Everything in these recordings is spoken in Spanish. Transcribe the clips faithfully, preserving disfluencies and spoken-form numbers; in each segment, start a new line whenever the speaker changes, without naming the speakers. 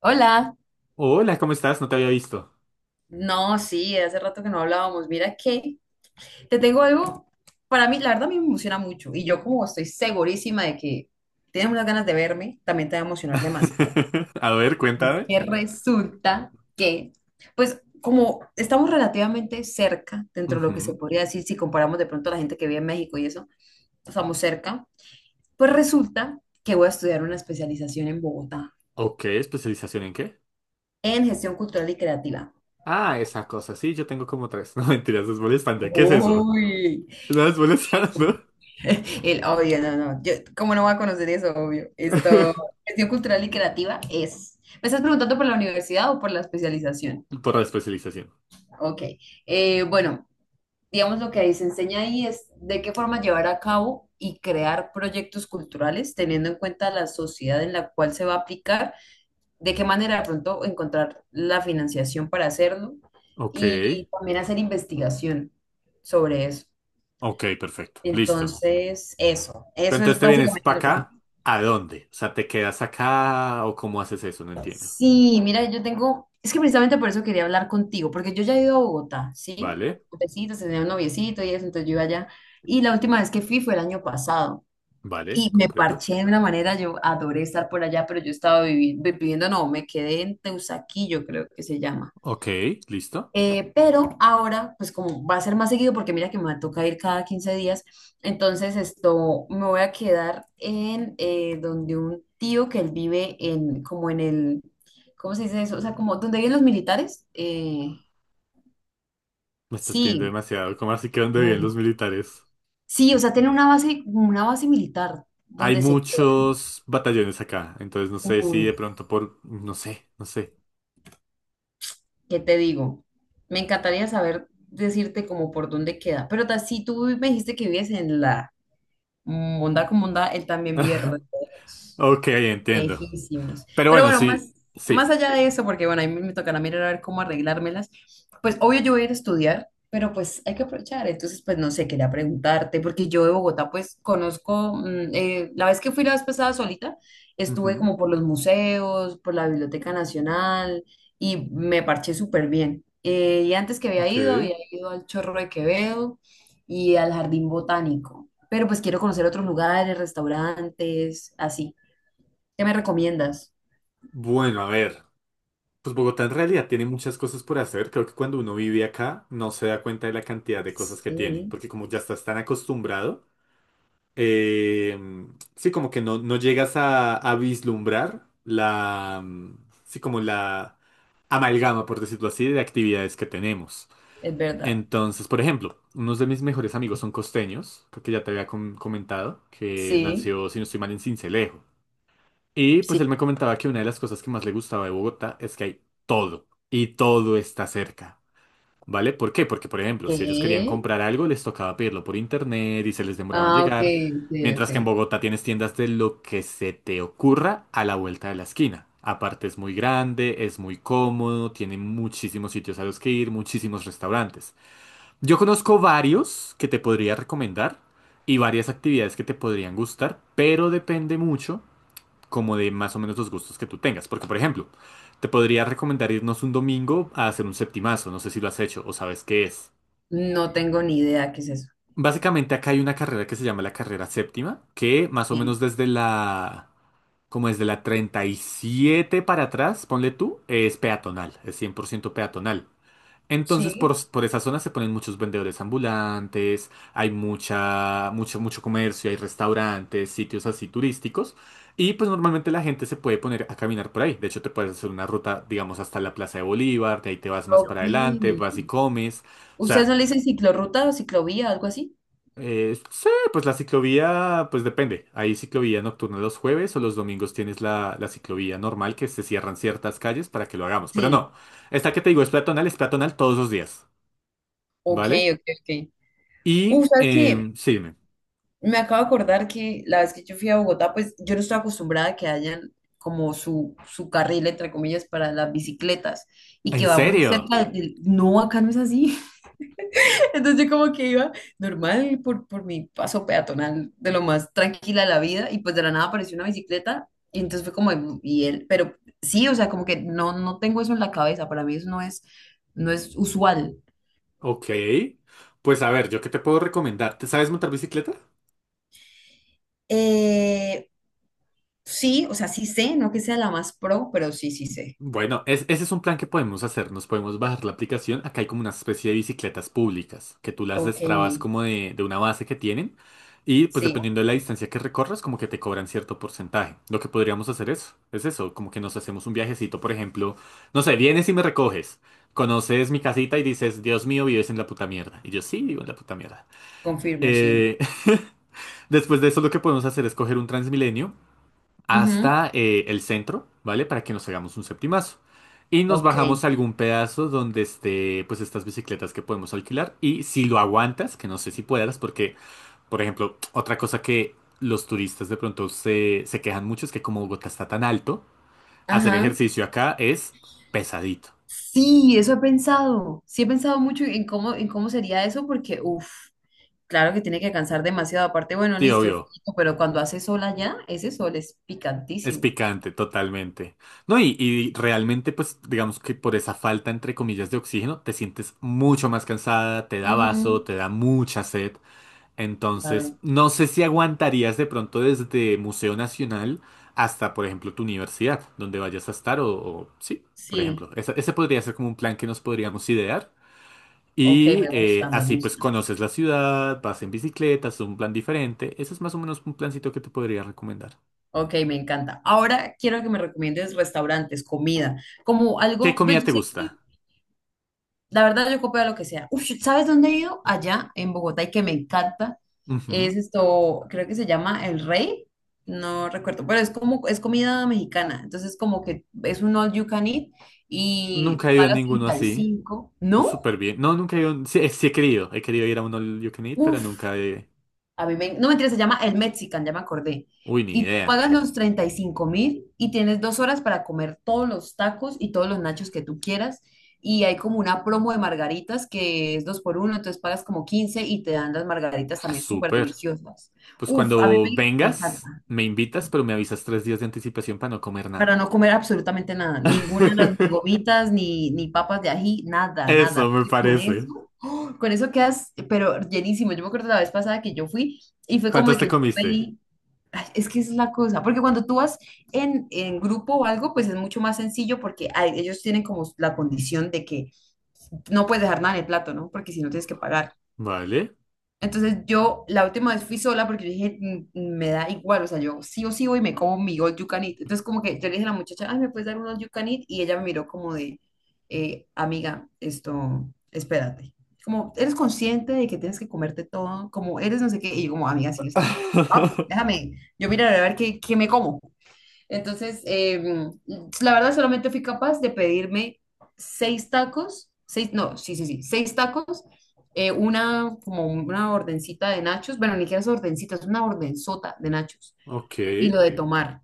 Hola,
Hola, ¿cómo estás? No te había visto.
no, sí, hace rato que no hablábamos. Mira que te tengo algo, para mí, la verdad, a mí me emociona mucho y yo como estoy segurísima de que tienes unas ganas de verme, también te va a emocionar demasiado.
A ver,
Es
cuéntame.
que resulta que, pues, como estamos relativamente cerca, dentro de lo que se
Ujú.
podría decir, si comparamos de pronto a la gente que vive en México y eso, estamos cerca, pues resulta que voy a estudiar una especialización en Bogotá,
Ok, ¿especialización en qué?
en gestión cultural y creativa.
Ah, esa cosa, sí, yo tengo como tres. No, mentiras, es molestante. ¿Qué es eso?
Uy.
¿No es molestando?
El obvio, no, no. Yo, ¿cómo no va a conocer eso, obvio? Esto, gestión cultural y creativa es. ¿Me estás preguntando por la universidad o por la especialización?
Por la especialización.
Ok. Eh, bueno, digamos lo que ahí se enseña ahí es de qué forma llevar a cabo y crear proyectos culturales, teniendo en cuenta la sociedad en la cual se va a aplicar, de qué manera de pronto encontrar la financiación para hacerlo
Ok,
y también hacer investigación sobre eso.
ok, perfecto, listo.
Entonces, eso,
Pero
eso
entonces
es
te vienes
básicamente
para
lo que se.
acá, ¿a dónde? O sea, ¿te quedas acá o cómo haces eso? No entiendo.
Sí, mira, yo tengo, es que precisamente por eso quería hablar contigo, porque yo ya he ido a Bogotá, ¿sí?
Vale,
Noviecitos, tenía un noviecito y eso, entonces yo iba allá. Y la última vez que fui fue el año pasado
vale,
y me
comprendo.
parché de una manera, yo adoré estar por allá, pero yo estaba vivi- viviendo, no, me quedé en Teusaquillo, creo que se llama.
Ok, listo.
Eh, pero ahora, pues como va a ser más seguido, porque mira que me toca ir cada quince días, entonces esto me voy a quedar en eh, donde un tío que él vive en, como en el, ¿cómo se dice eso? O sea, como donde viven los militares. Eh,
Me estás pidiendo
sí,
demasiado, ¿cómo así que dónde viven los
Oh,
militares?
sí, o sea, tiene una base, una base militar
Hay
donde se queda.
muchos batallones acá, entonces no sé si de
uh,
pronto por. No sé, no sé.
¿Qué te digo? Me encantaría saber decirte como por dónde queda, pero ta- si tú me dijiste que vives en la Bondad con bondad, él también vive re lejos.
Ok, entiendo.
Lejísimos.
Pero
Pero
bueno,
bueno,
sí,
más, más
sí.
allá de eso, porque bueno, ahí me, me tocará mirar a ver cómo arreglármelas, pues obvio yo voy a ir a estudiar, pero pues hay que aprovechar. Entonces, pues no sé, quería preguntarte, porque yo de Bogotá pues conozco, mm, eh, la vez que fui la vez pasada solita, estuve
Ujú.
como por los museos, por la Biblioteca Nacional y me parché súper bien. Eh, y antes que había
Ok.
ido, había ido al Chorro de Quevedo y al Jardín Botánico, pero pues quiero conocer otros lugares, restaurantes, así. ¿Qué me recomiendas?
Bueno, a ver. Pues Bogotá en realidad tiene muchas cosas por hacer. Creo que cuando uno vive acá no se da cuenta de la cantidad de cosas que tiene,
Sí,
porque como ya estás tan acostumbrado, eh, sí, como que no, no llegas a, a vislumbrar la mm, sí, como la amalgama, por decirlo así, de actividades que tenemos.
es verdad.
Entonces, por ejemplo, unos de mis mejores amigos son costeños, creo que ya te había com- comentado, que
Sí.
nació, si no estoy mal, en Sincelejo. Y pues él
Sí.
me comentaba que una de las cosas que más le gustaba de Bogotá es que hay todo, y todo está cerca, ¿vale? ¿Por qué? Porque, por ejemplo, si ellos querían
¿Qué?
comprar algo, les tocaba pedirlo por internet y se les demoraba en
Ah, ok,
llegar,
ok,
mientras que en
ok.
Bogotá tienes tiendas de lo que se te ocurra a la vuelta de la esquina. Aparte es muy grande, es muy cómodo, tiene muchísimos sitios a los que ir, muchísimos restaurantes. Yo conozco varios que te podría recomendar y varias actividades que te podrían gustar, pero depende mucho como de más o menos los gustos que tú tengas. Porque, por ejemplo, te podría recomendar irnos un domingo a hacer un septimazo, no sé si lo has hecho o sabes qué es.
No tengo ni idea qué es eso.
Básicamente acá hay una carrera que se llama la carrera séptima, que más o menos
Sí.
desde la, como desde la treinta y siete para atrás, ponle tú, es peatonal, es cien por ciento peatonal. Entonces,
Sí,
por, por esa zona se ponen muchos vendedores ambulantes, hay mucha, mucho, mucho comercio, hay restaurantes, sitios así turísticos. Y pues normalmente la gente se puede poner a caminar por ahí. De hecho, te puedes hacer una ruta, digamos, hasta la Plaza de Bolívar, de ahí te vas más para
ok.
adelante, vas y comes. O
¿Ustedes
sea,
no le dicen ciclorruta o ciclovía, algo así?
eh, sí, pues la ciclovía, pues depende. Hay ciclovía nocturna los jueves o los domingos tienes la, la ciclovía normal que se cierran ciertas calles para que lo hagamos. Pero
Sí,
no, esta que te digo es peatonal, es peatonal todos los días.
ok,
¿Vale?
ok, ok. Uh,
Y
¿sabes qué?
em, sí, dime.
Me acabo de acordar que la vez que yo fui a Bogotá, pues yo no estoy acostumbrada a que hayan como su, su carril, entre comillas, para las bicicletas y que
¿En
va muy
serio?
cerca de. No, acá no es así. Entonces yo como que iba normal por, por mi paso peatonal de lo más tranquila de la vida y pues de la nada apareció una bicicleta y entonces fue como, "Mm, y él, pero sí, o sea, como que no, no tengo eso en la cabeza, para mí eso no es, no es usual".
Ok. Pues a ver, ¿yo qué te puedo recomendar? ¿Te sabes montar bicicleta?
Eh, sí, o sea, sí sé, no que sea la más pro, pero sí, sí sé.
Bueno, es- ese es un plan que podemos hacer. Nos podemos bajar la aplicación. Acá hay como una especie de bicicletas públicas que tú las
Ok,
destrabas como de, de una base que tienen. Y pues
sí,
dependiendo de la distancia que recorras, como que te cobran cierto porcentaje. Lo que podríamos hacer es, es eso, como que nos hacemos un viajecito, por ejemplo. No sé, vienes y me recoges. Conoces mi casita y dices, Dios mío, vives en la puta mierda. Y yo sí, vivo en la puta mierda.
confirmo, sí.
Eh, Después de eso, lo que podemos hacer es coger un Transmilenio
Ujú.
hasta eh, el centro, ¿vale? Para que nos hagamos un septimazo. Y nos
Ok,
bajamos a algún pedazo donde esté, pues, estas bicicletas que podemos alquilar. Y si lo aguantas, que no sé si puedas, porque, por ejemplo, otra cosa que los turistas de pronto se, se quejan mucho es que como Bogotá está tan alto, hacer
ajá.
ejercicio acá es pesadito.
Sí, eso he pensado, sí he pensado mucho en cómo, en cómo sería eso porque, uff. Claro que tiene que cansar demasiado. Aparte, bueno,
Sí,
listo, es
obvio.
rico, pero cuando hace sol allá, ese sol es
Es
picantísimo.
picante, totalmente. No, y, y realmente, pues, digamos que por esa falta, entre comillas, de oxígeno, te sientes mucho más cansada, te da vaso,
Ujú.
te da mucha sed. Entonces,
Claro.
no sé si aguantarías de pronto desde Museo Nacional hasta, por ejemplo, tu universidad, donde vayas a estar, o, o- sí, por ejemplo.
Sí.
Esa- ese podría ser como un plan que nos podríamos idear.
Ok,
Y
me
eh,
gusta, me
así, pues,
gusta.
conoces la ciudad, vas en bicicleta, es un plan diferente. Ese es más o menos un plancito que te podría recomendar.
Ok, me encanta. Ahora quiero que me recomiendes restaurantes, comida, como
¿Qué
algo, pues
comida
yo
te
sé
gusta?
que. La verdad, yo copio de lo que sea. Uf, ¿sabes dónde he ido? Allá en Bogotá y que me encanta.
Ujú.
Es esto, creo que se llama El Rey. No recuerdo, pero es como, es comida mexicana. Entonces, como que es un all you can eat y
Nunca he ido a
pagas
ninguno así.
treinta y cinco.
Uh,
¿No?
súper bien. No, nunca he ido. Sí, eh, sí he querido. He querido ir a uno al You Can Eat, pero
Uf.
nunca he.
A mí me, no mentira, se llama El Mexican, ya me acordé.
Uy, ni
Y tú
idea.
pagas los treinta y cinco mil y tienes dos horas para comer todos los tacos y todos los nachos que tú quieras. Y hay como una promo de margaritas que es dos por uno, entonces pagas como quince y te dan las margaritas
Ah,
también súper
súper.
deliciosas.
Pues
Uf, a mí
cuando
me, me
vengas,
encanta.
me invitas, pero me avisas tres días de anticipación para no comer
Para
nada.
no comer absolutamente nada, ninguna de las ni gomitas, ni, ni papas de ají, nada, nada.
Eso me
Porque Con
parece.
eso, con eso quedas, pero llenísimo. Yo me acuerdo la vez pasada que yo fui y fue como de
¿Cuántos
que
te
yo
comiste?
pedí. Ay. Es que esa es la cosa, porque cuando tú vas en, en grupo o algo, pues es mucho más sencillo porque ay, ellos tienen como la condición de que no puedes dejar nada en el plato, ¿no? Porque si no tienes que pagar.
Vale.
Entonces yo la última vez fui sola porque yo dije, "Mm, mm, me da igual, o sea, yo sí o sí voy y me como mi all you can eat". Entonces como que yo le dije a la muchacha, "ay, ¿me puedes dar un all you can eat?", y ella me miró como de, eh, amiga, esto, espérate. Como, ¿eres consciente de que tienes que comerte todo? Como, ¿eres no sé qué? Y yo como, amiga, sí, o sea, ah, déjame, yo miraré a ver qué, qué me como. Entonces, eh, la verdad solamente fui capaz de pedirme seis tacos, seis, no, sí, sí, sí, seis tacos, eh, una, como una ordencita de nachos, bueno, ni siquiera es ordencita, es una ordenzota de nachos
Ok.
y lo de Ok. tomar.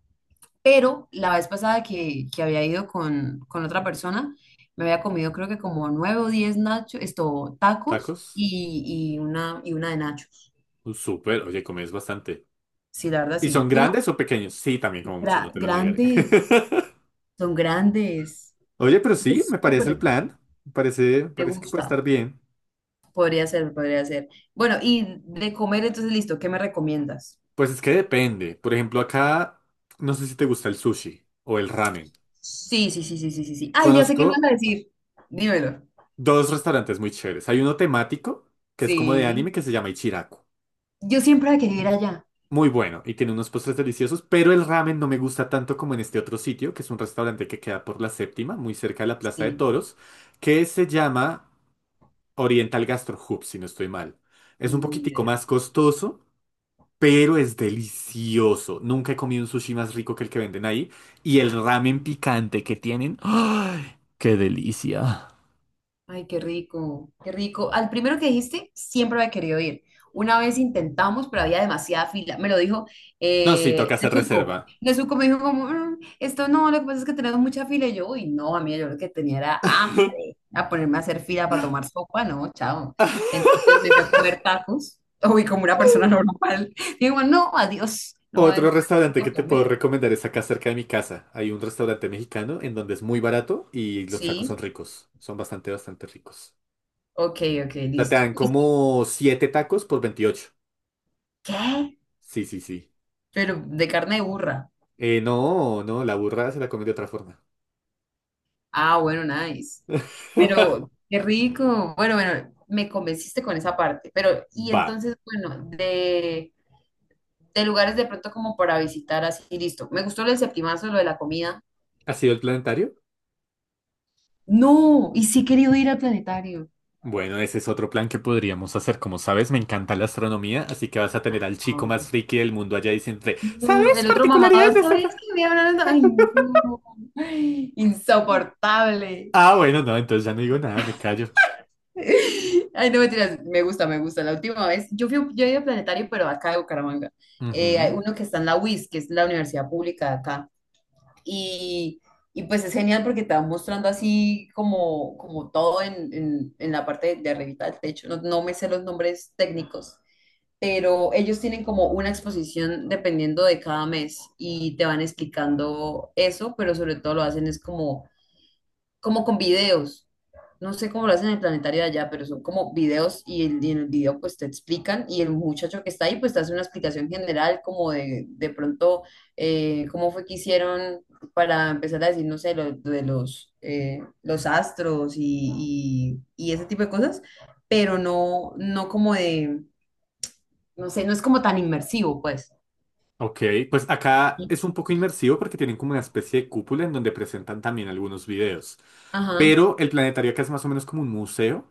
Pero la vez pasada que, que había ido con, con otra persona, me había comido creo que como nueve o diez nachos, esto, tacos
Tacos.
y, y una, y una de nachos.
Uh, súper. Oye, comes bastante.
Sí, la verdad,
¿Y son
sí. ¿Tú no?
grandes o pequeños? Sí, también como mucho, no
Gra-
te lo negaré.
grandes, son grandes.
Oye, pero sí,
Es
me
súper
parece el
rico.
plan. Me parece, me
Me
parece que puede
gusta.
estar bien.
Podría ser, podría ser. Bueno, y de comer, entonces listo, ¿qué me recomiendas?
Pues es que depende. Por ejemplo, acá no sé si te gusta el sushi o el ramen.
Sí, sí, sí, sí, sí, sí, sí. Ay, ya sé
Conozco
qué me vas a decir. Dímelo.
dos restaurantes muy chéveres. Hay uno temático, que es como de anime,
Sí.
que se llama Ichiraku.
Yo siempre quería ir allá.
Muy bueno y tiene unos postres deliciosos, pero el ramen no me gusta tanto como en este otro sitio, que es un restaurante que queda por la séptima, muy cerca de la Plaza de
Sí.
Toros, que se llama Oriental Gastro Hub, si no estoy mal. Es un
Mm, ni
poquitico
idea.
más costoso, pero es delicioso. Nunca he comido un sushi más rico que el que venden ahí. Y el ramen picante que tienen. ¡Ay! ¡Qué delicia!
Ay, qué rico, qué rico. Al primero que dijiste, siempre había querido ir. Una vez intentamos, pero había demasiada fila. Me lo dijo
No, sí,
eh,
toca hacer
Nezuko.
reserva.
Nezuko me dijo como, "Mm, esto no, lo que pasa es que tenemos mucha fila". Y yo, uy, no, a mí yo lo que tenía era hambre. A ponerme a hacer fila para tomar sopa, no, chao. Entonces me fui a comer tacos. Uy, como una persona normal. Digo, no, adiós, no,
Otro
entonces,
restaurante que
a
te puedo
comer.
recomendar es acá cerca de mi casa. Hay un restaurante mexicano en donde es muy barato y los tacos son
Sí,
ricos. Son bastante, bastante ricos.
ok, ok,
O sea, te
listo.
dan
Listo.
como siete tacos por veintiocho.
¿Qué?
Sí, sí, sí.
Pero de carne de burra.
Eh, no, no, la burra se la comen de otra forma.
Ah, bueno, nice. Pero qué rico. Bueno, bueno, me convenciste con esa parte. Pero, y
Va.
entonces, bueno, de, de lugares de pronto como para visitar así, listo. Me gustó lo del septimazo, lo de la comida.
¿Ha sido el planetario?
No, y sí he querido ir al planetario.
Bueno, ese es otro plan que podríamos hacer. Como sabes, me encanta la astronomía, así que vas a tener al
Ah,
chico más
ok.
friki del mundo allá diciéndote,
No,
¿sabes
el otro mamador,
particularidades de este plan?
¿sabías que me hablaron? Ay, no. Ay, insoportable.
Ah, bueno, no, entonces ya no digo nada, me callo.
Ay, no mentiras, me gusta, me gusta. La última vez, yo fui, yo he ido al planetario, pero acá de Bucaramanga. Eh, hay
Ujú.
uno que está en la U I S, que es la universidad pública de acá. Y, y pues es genial porque te van mostrando así como, como todo en, en, en la parte de arribita del techo. No, no me sé los nombres técnicos, pero ellos tienen como una exposición dependiendo de cada mes y te van explicando eso, pero sobre todo lo hacen es como como con videos. No sé cómo lo hacen en el planetario de allá, pero son como videos y, el- y en el video pues te explican y el muchacho que está ahí pues te hace una explicación general como de, de pronto eh, cómo fue que hicieron para empezar a decir, no sé, lo, de los, eh, los astros y, y, y ese tipo de cosas, pero no, no como de, no sé, no es como tan inmersivo pues.
Ok, pues acá es un poco inmersivo porque tienen como una especie de cúpula en donde presentan también algunos videos.
Ajá,
Pero el planetario acá es más o menos como un museo.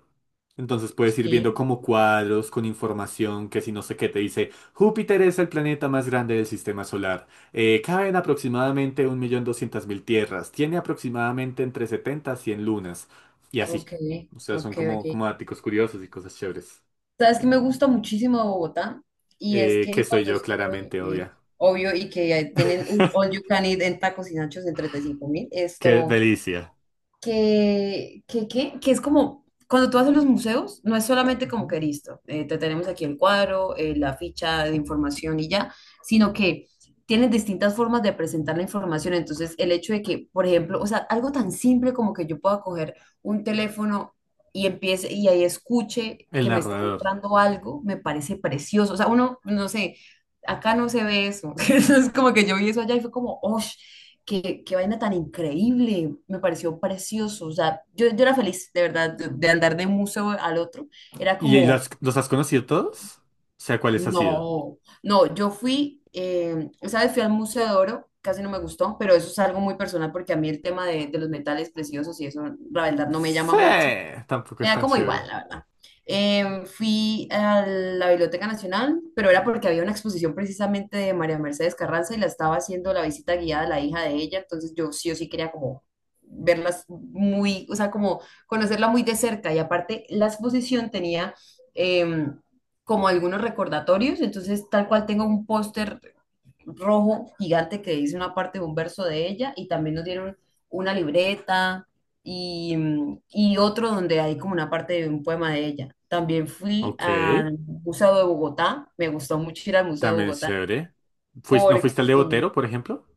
Entonces puedes ir viendo
sí,
como cuadros con información que si no sé qué te dice, Júpiter es el planeta más grande del sistema solar. Eh, caben aproximadamente un millón doscientas mil tierras. Tiene aproximadamente entre setenta a cien lunas. Y
ok,
así. O sea,
ok,
son como,
ok.
como daticos curiosos y cosas chéveres.
Sabes que me gusta muchísimo de Bogotá y es
Eh, que
que
soy
cuando
yo
estuve,
claramente,
eh,
obvia.
obvio, y que eh, tienen un all you can eat en tacos y nachos en treinta y cinco mil,
Qué
esto,
delicia.
que, que, que, que es como, cuando tú vas a los museos, no es solamente como
Ujú.
que listo, eh, te tenemos aquí el cuadro, eh, la ficha de información y ya, sino que tienen distintas formas de presentar la información. Entonces, el hecho de que, por ejemplo, o sea, algo tan simple como que yo pueda coger un teléfono y empiece y ahí escuche
El
que me está
narrador.
mostrando algo, me parece precioso. O sea, uno, no sé, acá no se ve eso. Es como que yo vi eso allá y fue como, ¡oh! Qué, qué vaina tan increíble, me pareció precioso. O sea, yo, yo era feliz, de verdad, de, de andar de un museo al otro. Era
¿Y los,
como,
los has conocido todos? O sea, ¿cuáles has sido?
no, no, yo fui, eh, esa vez fui al Museo de Oro, casi no me gustó, pero eso es algo muy personal porque a mí el tema de, de los metales preciosos y eso, la verdad, no me
Sí,
llama mucho.
tampoco
Me
es
da
tan
como
chévere.
igual, la verdad. Em, fui a la Biblioteca Nacional, pero era porque había una exposición precisamente de María Mercedes Carranza y la estaba haciendo la visita guiada a la hija de ella, entonces yo sí o sí quería como verlas muy, o sea, como conocerla muy de cerca y aparte la exposición tenía em, como algunos recordatorios, entonces tal cual tengo un póster rojo gigante que dice una parte de un verso de ella y también nos dieron una libreta y, mm, y otro donde hay como una parte de un poema de ella. También fui
Ok,
al Museo de Bogotá, me gustó mucho ir al Museo de
también es
Bogotá
chévere. Fuis- ¿no
porque
fuiste al de Botero, por ejemplo?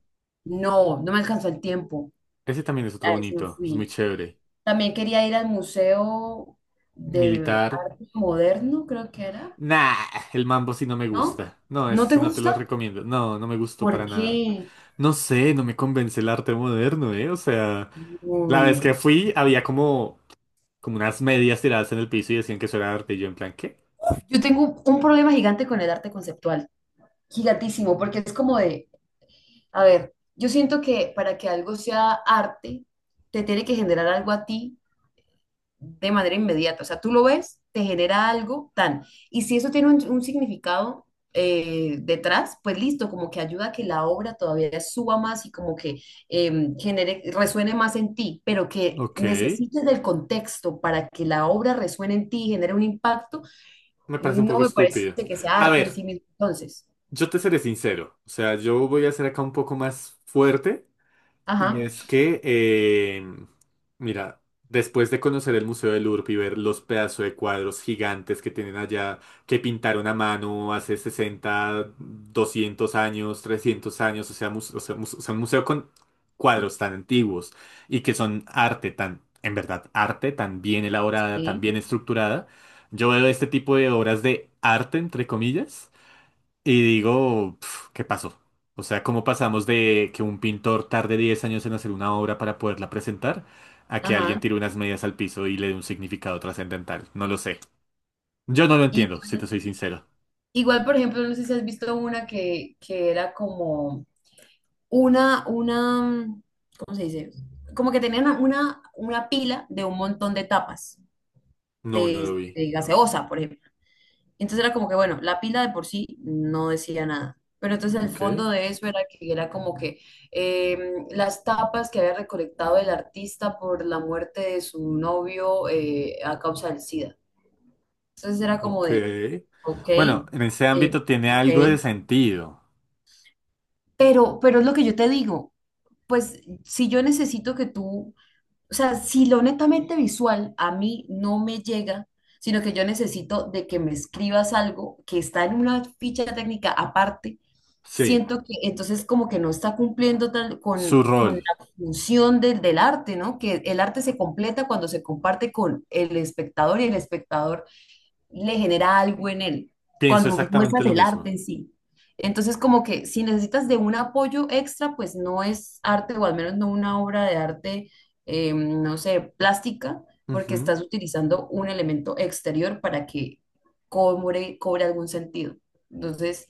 no, no me alcanzó el tiempo,
Ese también es otro
a ese no
bonito, es muy
fui.
chévere.
También quería ir al Museo de
Militar.
Arte Moderno, creo que era,
Nah, el mambo sí no me
¿no?
gusta. No,
¿No
ese
te
sí no te lo
gusta?
recomiendo. No, no me gustó
¿Por
para nada.
qué?
No sé, no me convence el arte moderno, ¿eh? O sea, la vez
Uy.
que fui había como, como unas medias tiradas en el piso y decían que eso era arte. Y yo en plan, ¿qué?
Yo tengo un problema gigante con el arte conceptual, gigantísimo, porque es como de, a ver, yo siento que para que algo sea arte, te tiene que generar algo a ti de manera inmediata. O sea, tú lo ves, te genera algo tan. Y si eso tiene un, un significado eh, detrás, pues listo, como que ayuda a que la obra todavía suba más y como que eh, genere, resuene más en ti, pero que
Ok,
necesites del contexto para que la obra resuene en ti y genere un impacto
me parece un
no
poco
me parece
estúpido.
que sea
A
arte en sí
ver.
mismo, entonces.
Yo te seré sincero, o sea, yo voy a ser acá un poco más fuerte y
Ajá,
es que, eh, mira, después de conocer el Museo del Louvre y ver los pedazos de cuadros gigantes que tienen allá, que pintaron a mano hace sesenta, doscientos años, trescientos años, o sea, mus- o sea, mus- o sea, un museo con cuadros tan antiguos y que son arte tan, en verdad, arte tan bien elaborada, tan
sí,
bien estructurada, yo veo este tipo de obras de arte, entre comillas. Y digo, pf, ¿qué pasó? O sea, ¿cómo pasamos de que un pintor tarde diez años en hacer una obra para poderla presentar a que alguien
ajá.
tire unas medias al piso y le dé un significado trascendental? No lo sé. Yo no lo entiendo, si te
Igual,
soy sincero.
igual, por ejemplo, no sé si has visto una que, que era como una, una, ¿cómo se dice? Como que tenían una, una pila de un montón de tapas
No, no lo
de,
vi.
de gaseosa, por ejemplo. Entonces era como que, bueno, la pila de por sí no decía nada. Pero entonces el
Ok,
fondo de eso era que era como que em, las tapas que había recolectado el artista por la muerte de su novio eh, a causa del SIDA. Entonces era como
ok.
de, ok,
Bueno, en ese ámbito
eh,
tiene
ok.
algo de sentido.
Pero, pero es lo que yo te digo, pues si yo necesito que tú, o sea, si lo netamente visual a mí no me llega, sino que yo necesito de que me escribas algo que está en una ficha técnica aparte,
Sí.
siento que entonces como que no está cumpliendo tal
Su
con, con
rol.
la función del, del arte, ¿no? Que el arte se completa cuando se comparte con el espectador y el espectador le genera algo en él,
Pienso
cuando
exactamente
muestras
lo
el
mismo.
arte en sí. Entonces, como que si necesitas de un apoyo extra, pues no es arte, o al menos no una obra de arte, eh, no sé, plástica, porque
Ujú.
estás utilizando un elemento exterior para que cobre, cobre algún sentido. Entonces,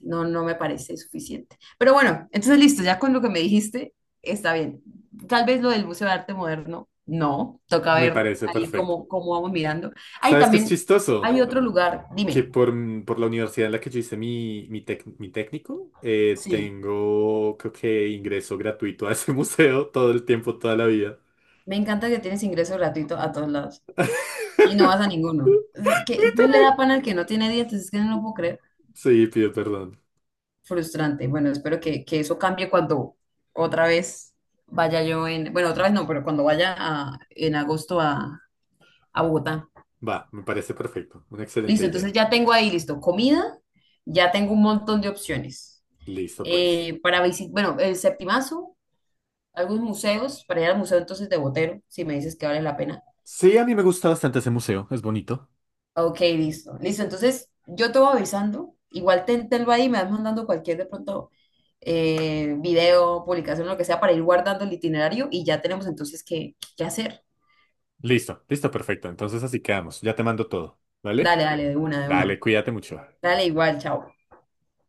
no, no me parece suficiente. Pero bueno, entonces listo, ya con lo que me dijiste, está bien. Tal vez lo del Museo de Arte Moderno, no, toca
Me
ver
parece
ahí
perfecto.
cómo, cómo vamos mirando. Ahí
¿Sabes qué es
también
chistoso?
hay otro lugar,
Que
dime.
por, mm, por la universidad en la que yo hice mi, mi, tec- mi técnico, eh,
Sí,
tengo, creo que ingreso gratuito a ese museo todo el tiempo, toda la vida.
me encanta que tienes ingreso gratuito a todos lados y no vas a ninguno. Es que Dios le da pan al que no tiene dientes, es que no lo puedo creer.
Sí, pido perdón.
Frustrante. Bueno, espero que, que eso cambie cuando otra vez vaya yo en, bueno, otra vez no, pero cuando vaya a- en agosto a, a Bogotá.
Va, me parece perfecto. Una excelente
Listo, entonces
idea.
ya tengo ahí, listo, comida, ya tengo un montón de opciones.
Listo, pues.
Eh, para visitar, bueno, el Septimazo, algunos museos, para ir al museo entonces de Botero, si me dices que vale la pena.
Sí, a mí me gusta bastante ese museo. Es bonito.
Ok, listo, listo, entonces yo te voy avisando, igual ten, tenlo ahí, me vas mandando cualquier de pronto eh, video, publicación, lo que sea, para ir guardando el itinerario y ya tenemos entonces qué, qué hacer.
Listo, listo, perfecto. Entonces así quedamos. Ya te mando todo. ¿Vale?
Dale, dale, de una, de una.
Dale, cuídate mucho.
Dale, igual, chao.